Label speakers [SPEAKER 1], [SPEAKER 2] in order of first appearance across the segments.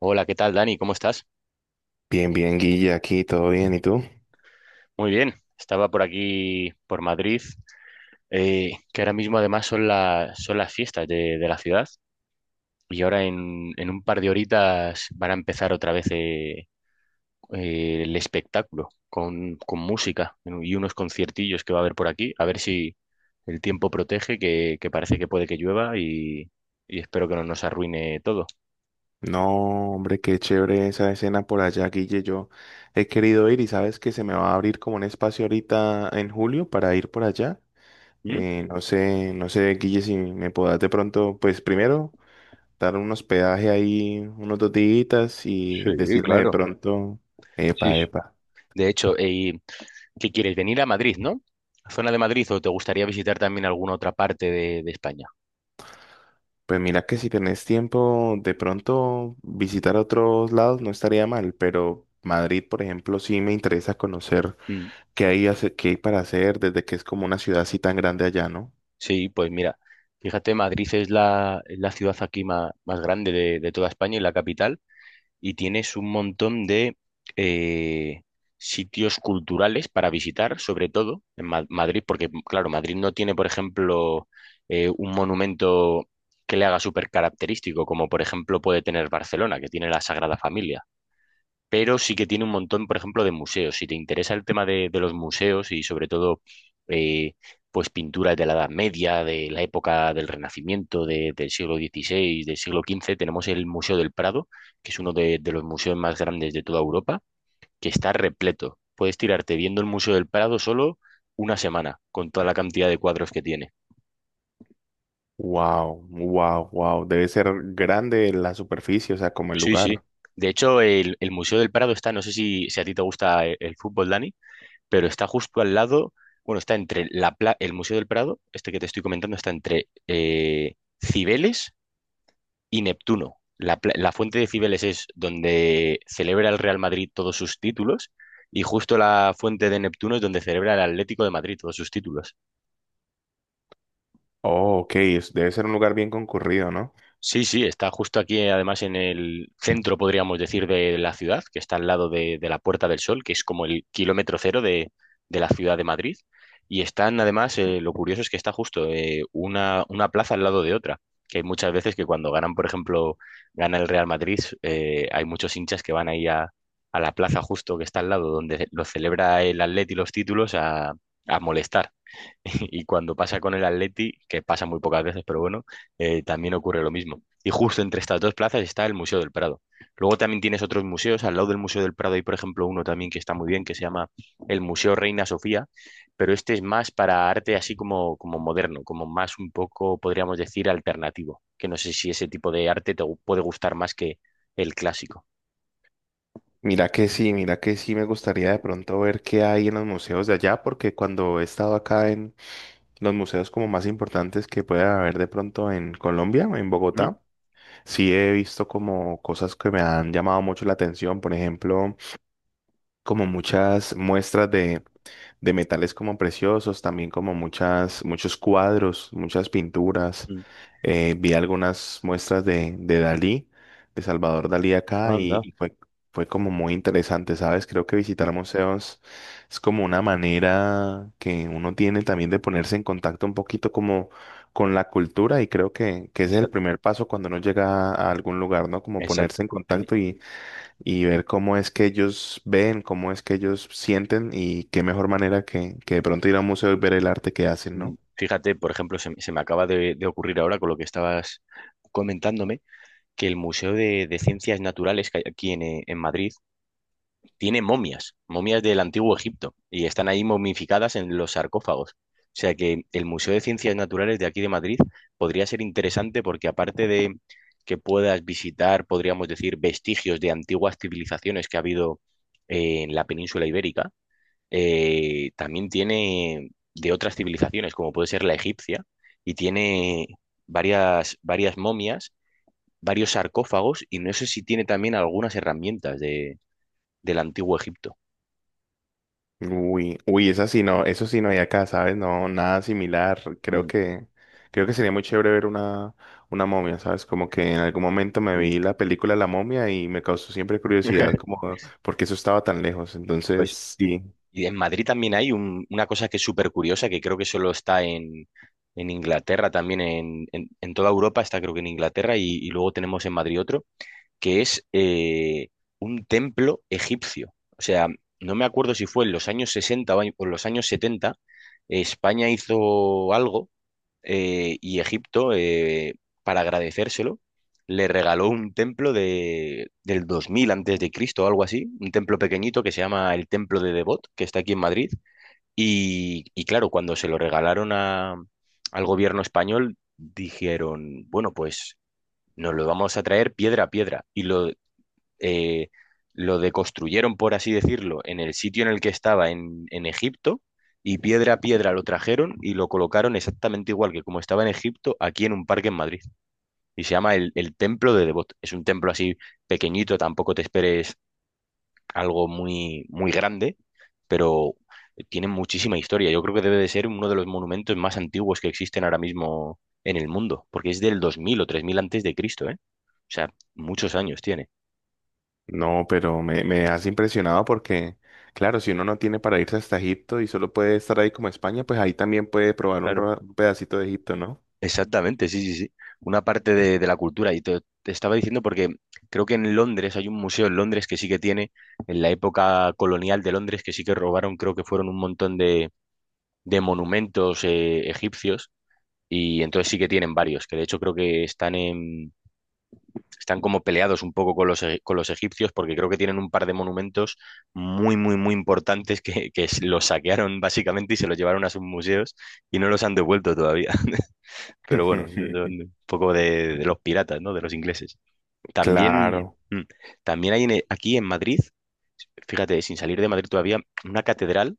[SPEAKER 1] Hola, ¿qué tal, Dani? ¿Cómo estás?
[SPEAKER 2] Bien, bien, Guille, aquí todo bien, ¿y tú?
[SPEAKER 1] Muy bien. Estaba por aquí, por Madrid, que ahora mismo además son, son las fiestas de la ciudad y ahora en un par de horitas van a empezar otra vez el espectáculo con música, ¿no? Y unos conciertillos que va a haber por aquí. A ver si el tiempo protege, que parece que puede que llueva y espero que no nos arruine todo.
[SPEAKER 2] No, hombre, qué chévere esa escena por allá, Guille. Yo he querido ir y sabes que se me va a abrir como un espacio ahorita en julio para ir por allá.
[SPEAKER 1] ¿Mm?
[SPEAKER 2] No sé, Guille, si me podás de pronto, pues primero dar un hospedaje ahí unos dos días y
[SPEAKER 1] Sí,
[SPEAKER 2] decirme de
[SPEAKER 1] claro.
[SPEAKER 2] pronto,
[SPEAKER 1] Sí,
[SPEAKER 2] epa,
[SPEAKER 1] sí.
[SPEAKER 2] epa.
[SPEAKER 1] De hecho, ¿qué quieres? Venir a Madrid, ¿no? ¿Zona de Madrid o te gustaría visitar también alguna otra parte de España?
[SPEAKER 2] Pues mira que si tenés tiempo, de pronto visitar otros lados no estaría mal, pero Madrid, por ejemplo, sí me interesa conocer.
[SPEAKER 1] Mm.
[SPEAKER 2] ¿Qué hay, qué hay para hacer desde que es como una ciudad así tan grande allá, ¿no?
[SPEAKER 1] Sí, pues mira, fíjate, Madrid es es la ciudad aquí más grande de toda España y la capital, y tienes un montón de eh, sitios culturales para visitar, sobre todo en Madrid, porque claro, Madrid no tiene, por ejemplo, un monumento que le haga súper característico, como por ejemplo puede tener Barcelona, que tiene la Sagrada Familia, pero sí que tiene un montón, por ejemplo, de museos. Si te interesa el tema de los museos y sobre todo, eh, pues pinturas de la Edad Media, de la época del Renacimiento, del siglo XVI, del siglo XV, tenemos el Museo del Prado, que es uno de los museos más grandes de toda Europa, que está repleto. Puedes tirarte viendo el Museo del Prado solo una semana, con toda la cantidad de cuadros que tiene.
[SPEAKER 2] Wow, wow, wow. Debe ser grande la superficie, o sea, como el
[SPEAKER 1] Sí, sí.
[SPEAKER 2] lugar.
[SPEAKER 1] De hecho, el Museo del Prado está, no sé si a ti te gusta el fútbol, Dani, pero está justo al lado, bueno, está entre el Museo del Prado, este que te estoy comentando, está entre Cibeles y Neptuno. La fuente de Cibeles es donde celebra el Real Madrid todos sus títulos y justo la fuente de Neptuno es donde celebra el Atlético de Madrid todos sus títulos.
[SPEAKER 2] Oh, ok, debe ser un lugar bien concurrido, ¿no?
[SPEAKER 1] Sí, sí, está justo aquí, además en el centro, podríamos decir, de la ciudad, que está al lado de la Puerta del Sol, que es como el kilómetro cero de la ciudad de Madrid. Y están, además, lo curioso es que está justo una plaza al lado de otra, que hay muchas veces que cuando ganan, por ejemplo, gana el Real Madrid, hay muchos hinchas que van ahí a la plaza justo que está al lado, donde lo celebra el Atleti los títulos, a molestar. Y cuando pasa con el Atleti, que pasa muy pocas veces, pero bueno, también ocurre lo mismo. Y justo entre estas dos plazas está el Museo del Prado. Luego también tienes otros museos. Al lado del Museo del Prado hay, por ejemplo, uno también que está muy bien, que se llama el Museo Reina Sofía, pero este es más para arte así como, como moderno, como más un poco, podríamos decir, alternativo. Que no sé si ese tipo de arte puede gustar más que el clásico.
[SPEAKER 2] Mira que sí, me gustaría de pronto ver qué hay en los museos de allá, porque cuando he estado acá en los museos como más importantes que pueda haber de pronto en Colombia, en Bogotá, sí he visto como cosas que me han llamado mucho la atención, por ejemplo, como muchas muestras de metales como preciosos, también como muchas, muchos cuadros, muchas pinturas. Vi algunas muestras de Dalí, de Salvador Dalí acá y,
[SPEAKER 1] Anda,
[SPEAKER 2] y fue, fue como muy interesante, ¿sabes? Creo que visitar museos es como una manera que uno tiene también de ponerse en contacto un poquito como con la cultura y creo que ese es el
[SPEAKER 1] exacto.
[SPEAKER 2] primer paso cuando uno llega a algún lugar, ¿no? Como
[SPEAKER 1] Exacto.
[SPEAKER 2] ponerse en contacto y ver cómo es que ellos ven, cómo es que ellos sienten y qué mejor manera que de pronto ir a un museo y ver el arte que hacen,
[SPEAKER 1] Mm,
[SPEAKER 2] ¿no?
[SPEAKER 1] fíjate, por ejemplo, se me acaba de ocurrir ahora con lo que estabas comentándome, que el Museo de Ciencias Naturales que hay aquí en Madrid tiene momias, momias del Antiguo Egipto, y están ahí momificadas en los sarcófagos. O sea que el Museo de Ciencias Naturales de aquí de Madrid podría ser interesante porque aparte de que puedas visitar, podríamos decir, vestigios de antiguas civilizaciones que ha habido en la península ibérica, también tiene de otras civilizaciones, como puede ser la egipcia, y tiene varias, varias momias, varios sarcófagos, y no sé si tiene también algunas herramientas del antiguo Egipto.
[SPEAKER 2] Uy, uy, esa sí no, eso sí no hay acá, ¿sabes? No, nada similar.
[SPEAKER 1] Mm,
[SPEAKER 2] Creo que sería muy chévere ver una momia, ¿sabes? Como que en algún momento me
[SPEAKER 1] mm.
[SPEAKER 2] vi la película La Momia y me causó siempre curiosidad como porque eso estaba tan lejos. Entonces,
[SPEAKER 1] Pues,
[SPEAKER 2] sí.
[SPEAKER 1] y en Madrid también hay una cosa que es súper curiosa, que creo que solo está en Inglaterra, también en, en toda Europa está creo que en Inglaterra, y luego tenemos en Madrid otro, que es un templo egipcio. O sea, no me acuerdo si fue en los años 60 o o en los años 70, España hizo algo y Egipto, para agradecérselo, le regaló un templo del 2000 antes de Cristo o algo así, un templo pequeñito que se llama el Templo de Devot, que está aquí en Madrid. Y claro, cuando se lo regalaron al gobierno español, dijeron, bueno, pues nos lo vamos a traer piedra a piedra. Y eh, lo deconstruyeron, por así decirlo, en el sitio en el que estaba en Egipto y piedra a piedra lo trajeron y lo colocaron exactamente igual que como estaba en Egipto, aquí en un parque en Madrid. Y se llama el Templo de Devot. Es un templo así pequeñito, tampoco te esperes algo muy, muy grande, pero tiene muchísima historia. Yo creo que debe de ser uno de los monumentos más antiguos que existen ahora mismo en el mundo, porque es del 2000 o 3000 antes de Cristo, ¿eh? O sea, muchos años tiene.
[SPEAKER 2] No, pero me has impresionado porque, claro, si uno no tiene para irse hasta Egipto y solo puede estar ahí como España, pues ahí también puede probar un,
[SPEAKER 1] Claro.
[SPEAKER 2] un pedacito de Egipto, ¿no?
[SPEAKER 1] Exactamente, sí, sí, sí. Una parte de la cultura. Y te estaba diciendo porque creo que en Londres hay un museo en Londres que sí que tiene, en la época colonial de Londres, que sí que robaron, creo que fueron un montón de monumentos egipcios. Y entonces sí que tienen varios, que de hecho creo que están en, están como peleados un poco con los, con los egipcios, porque creo que tienen un par de monumentos muy, muy, muy importantes que los saquearon básicamente y se los llevaron a sus museos y no los han devuelto todavía. Pero bueno, son un poco de los piratas, ¿no? De los ingleses. También,
[SPEAKER 2] Claro,
[SPEAKER 1] mm, también hay aquí en Madrid, fíjate, sin salir de Madrid todavía, una catedral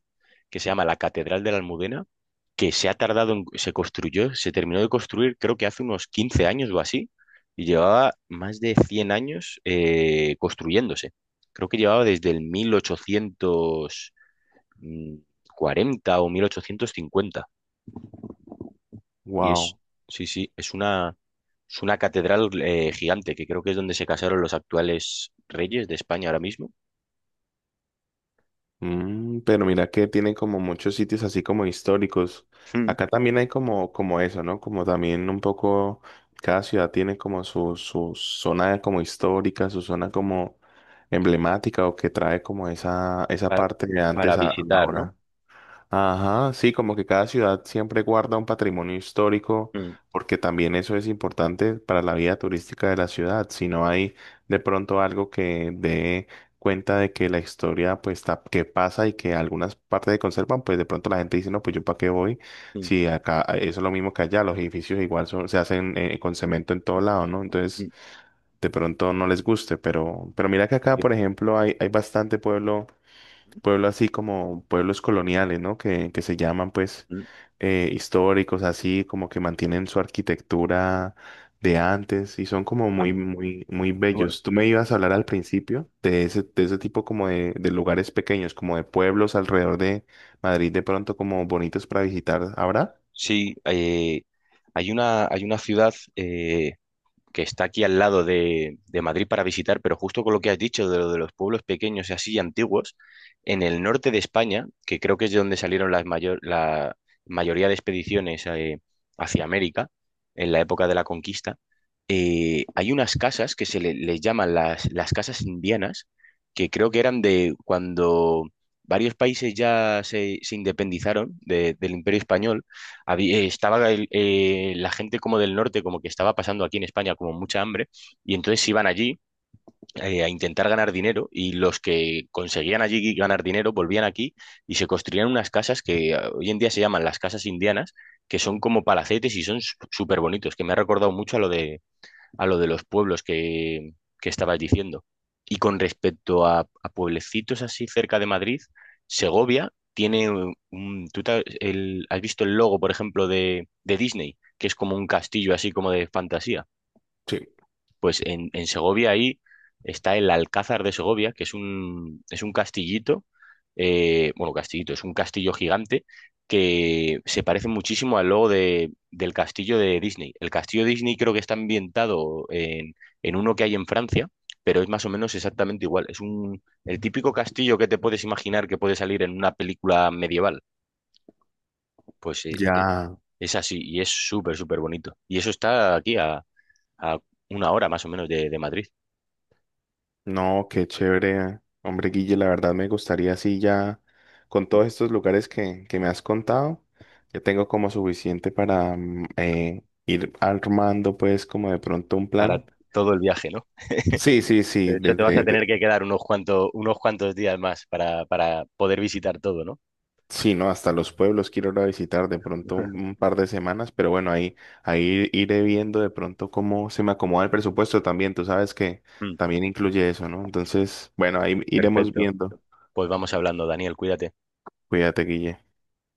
[SPEAKER 1] que se llama la Catedral de la Almudena, que se ha tardado en, se construyó, se terminó de construir creo que hace unos 15 años o así, y llevaba más de 100 años construyéndose. Creo que llevaba desde el mil ochocientos mm, cuarenta o 1850 y es,
[SPEAKER 2] wow.
[SPEAKER 1] sí, sí, es una catedral gigante, que creo que es donde se casaron los actuales reyes de España ahora mismo.
[SPEAKER 2] Mm, pero mira que tienen como muchos sitios así como históricos.
[SPEAKER 1] Mm.
[SPEAKER 2] Acá también hay como, como eso, ¿no? Como también un poco, cada ciudad tiene como su zona como histórica, su zona como emblemática o que trae como esa
[SPEAKER 1] para,
[SPEAKER 2] parte de
[SPEAKER 1] para
[SPEAKER 2] antes a la
[SPEAKER 1] visitar, ¿no?
[SPEAKER 2] hora. Ajá, sí, como que cada ciudad siempre guarda un patrimonio histórico,
[SPEAKER 1] Mm,
[SPEAKER 2] porque también eso es importante para la vida turística de la ciudad. Si no hay de pronto algo que dé cuenta de que la historia, pues, que pasa y que algunas partes se conservan, pues de pronto la gente dice, no, pues yo para qué voy,
[SPEAKER 1] mm,
[SPEAKER 2] si acá eso es lo mismo que allá, los edificios igual son, se hacen con cemento en todo lado, ¿no?
[SPEAKER 1] mm,
[SPEAKER 2] Entonces, de pronto no les guste, pero mira que acá,
[SPEAKER 1] sí.
[SPEAKER 2] por ejemplo, hay bastante pueblo así como pueblos coloniales, ¿no? Que se llaman pues
[SPEAKER 1] Mm,
[SPEAKER 2] históricos, así como que mantienen su arquitectura de antes y son como muy, muy, muy
[SPEAKER 1] ah, bueno,
[SPEAKER 2] bellos. Tú me ibas a hablar al principio de ese tipo como de lugares pequeños, como de pueblos alrededor de Madrid, de pronto como bonitos para visitar ahora.
[SPEAKER 1] sí, hay una ciudad que está aquí al lado de Madrid para visitar, pero justo con lo que has dicho de lo de los pueblos pequeños y así antiguos, en el norte de España, que creo que es de donde salieron las mayor, la mayoría de expediciones hacia América, en la época de la conquista, hay unas casas que les llaman las casas indianas, que creo que eran de cuando varios países ya se independizaron del Imperio Español, estaba la gente como del norte, como que estaba pasando aquí en España como mucha hambre, y entonces iban allí a intentar ganar dinero y los que conseguían allí ganar dinero volvían aquí y se construían unas casas que hoy en día se llaman las casas indianas, que son como palacetes y son súper bonitos, que me ha recordado mucho a lo de los pueblos que estabas diciendo. Y con respecto a pueblecitos así cerca de Madrid, Segovia tiene un... ¿tú has visto el logo, por ejemplo, de Disney? Que es como un castillo así como de fantasía.
[SPEAKER 2] Sí.
[SPEAKER 1] Pues en Segovia ahí está el Alcázar de Segovia, que es un castillito, bueno, castillito, es un castillo gigante que se parece muchísimo al logo del castillo de Disney. El castillo de Disney creo que está ambientado en uno que hay en Francia, pero es más o menos exactamente igual. Es un, el típico castillo que te puedes imaginar que puede salir en una película medieval. Pues
[SPEAKER 2] Ya,
[SPEAKER 1] es así y es súper, súper bonito. Y eso está aquí a una hora más o menos de Madrid.
[SPEAKER 2] no, qué chévere. Hombre, Guille, la verdad me gustaría así ya, con todos estos lugares que me has contado, ya tengo como suficiente para ir armando pues como de pronto un
[SPEAKER 1] Para
[SPEAKER 2] plan.
[SPEAKER 1] todo el viaje, ¿no?
[SPEAKER 2] Sí, sí, sí,
[SPEAKER 1] De hecho, te vas a
[SPEAKER 2] desde, de-
[SPEAKER 1] tener que quedar unos cuantos días más para poder visitar todo, ¿no?
[SPEAKER 2] sí, no, hasta los pueblos quiero ir a visitar de pronto un par de semanas, pero bueno, ahí, ahí iré viendo de pronto cómo se me acomoda el presupuesto también, tú sabes que
[SPEAKER 1] Mm,
[SPEAKER 2] también incluye eso, ¿no? Entonces, bueno, ahí iremos
[SPEAKER 1] perfecto.
[SPEAKER 2] viendo.
[SPEAKER 1] Pues vamos hablando, Daniel, cuídate.
[SPEAKER 2] Cuídate, Guille.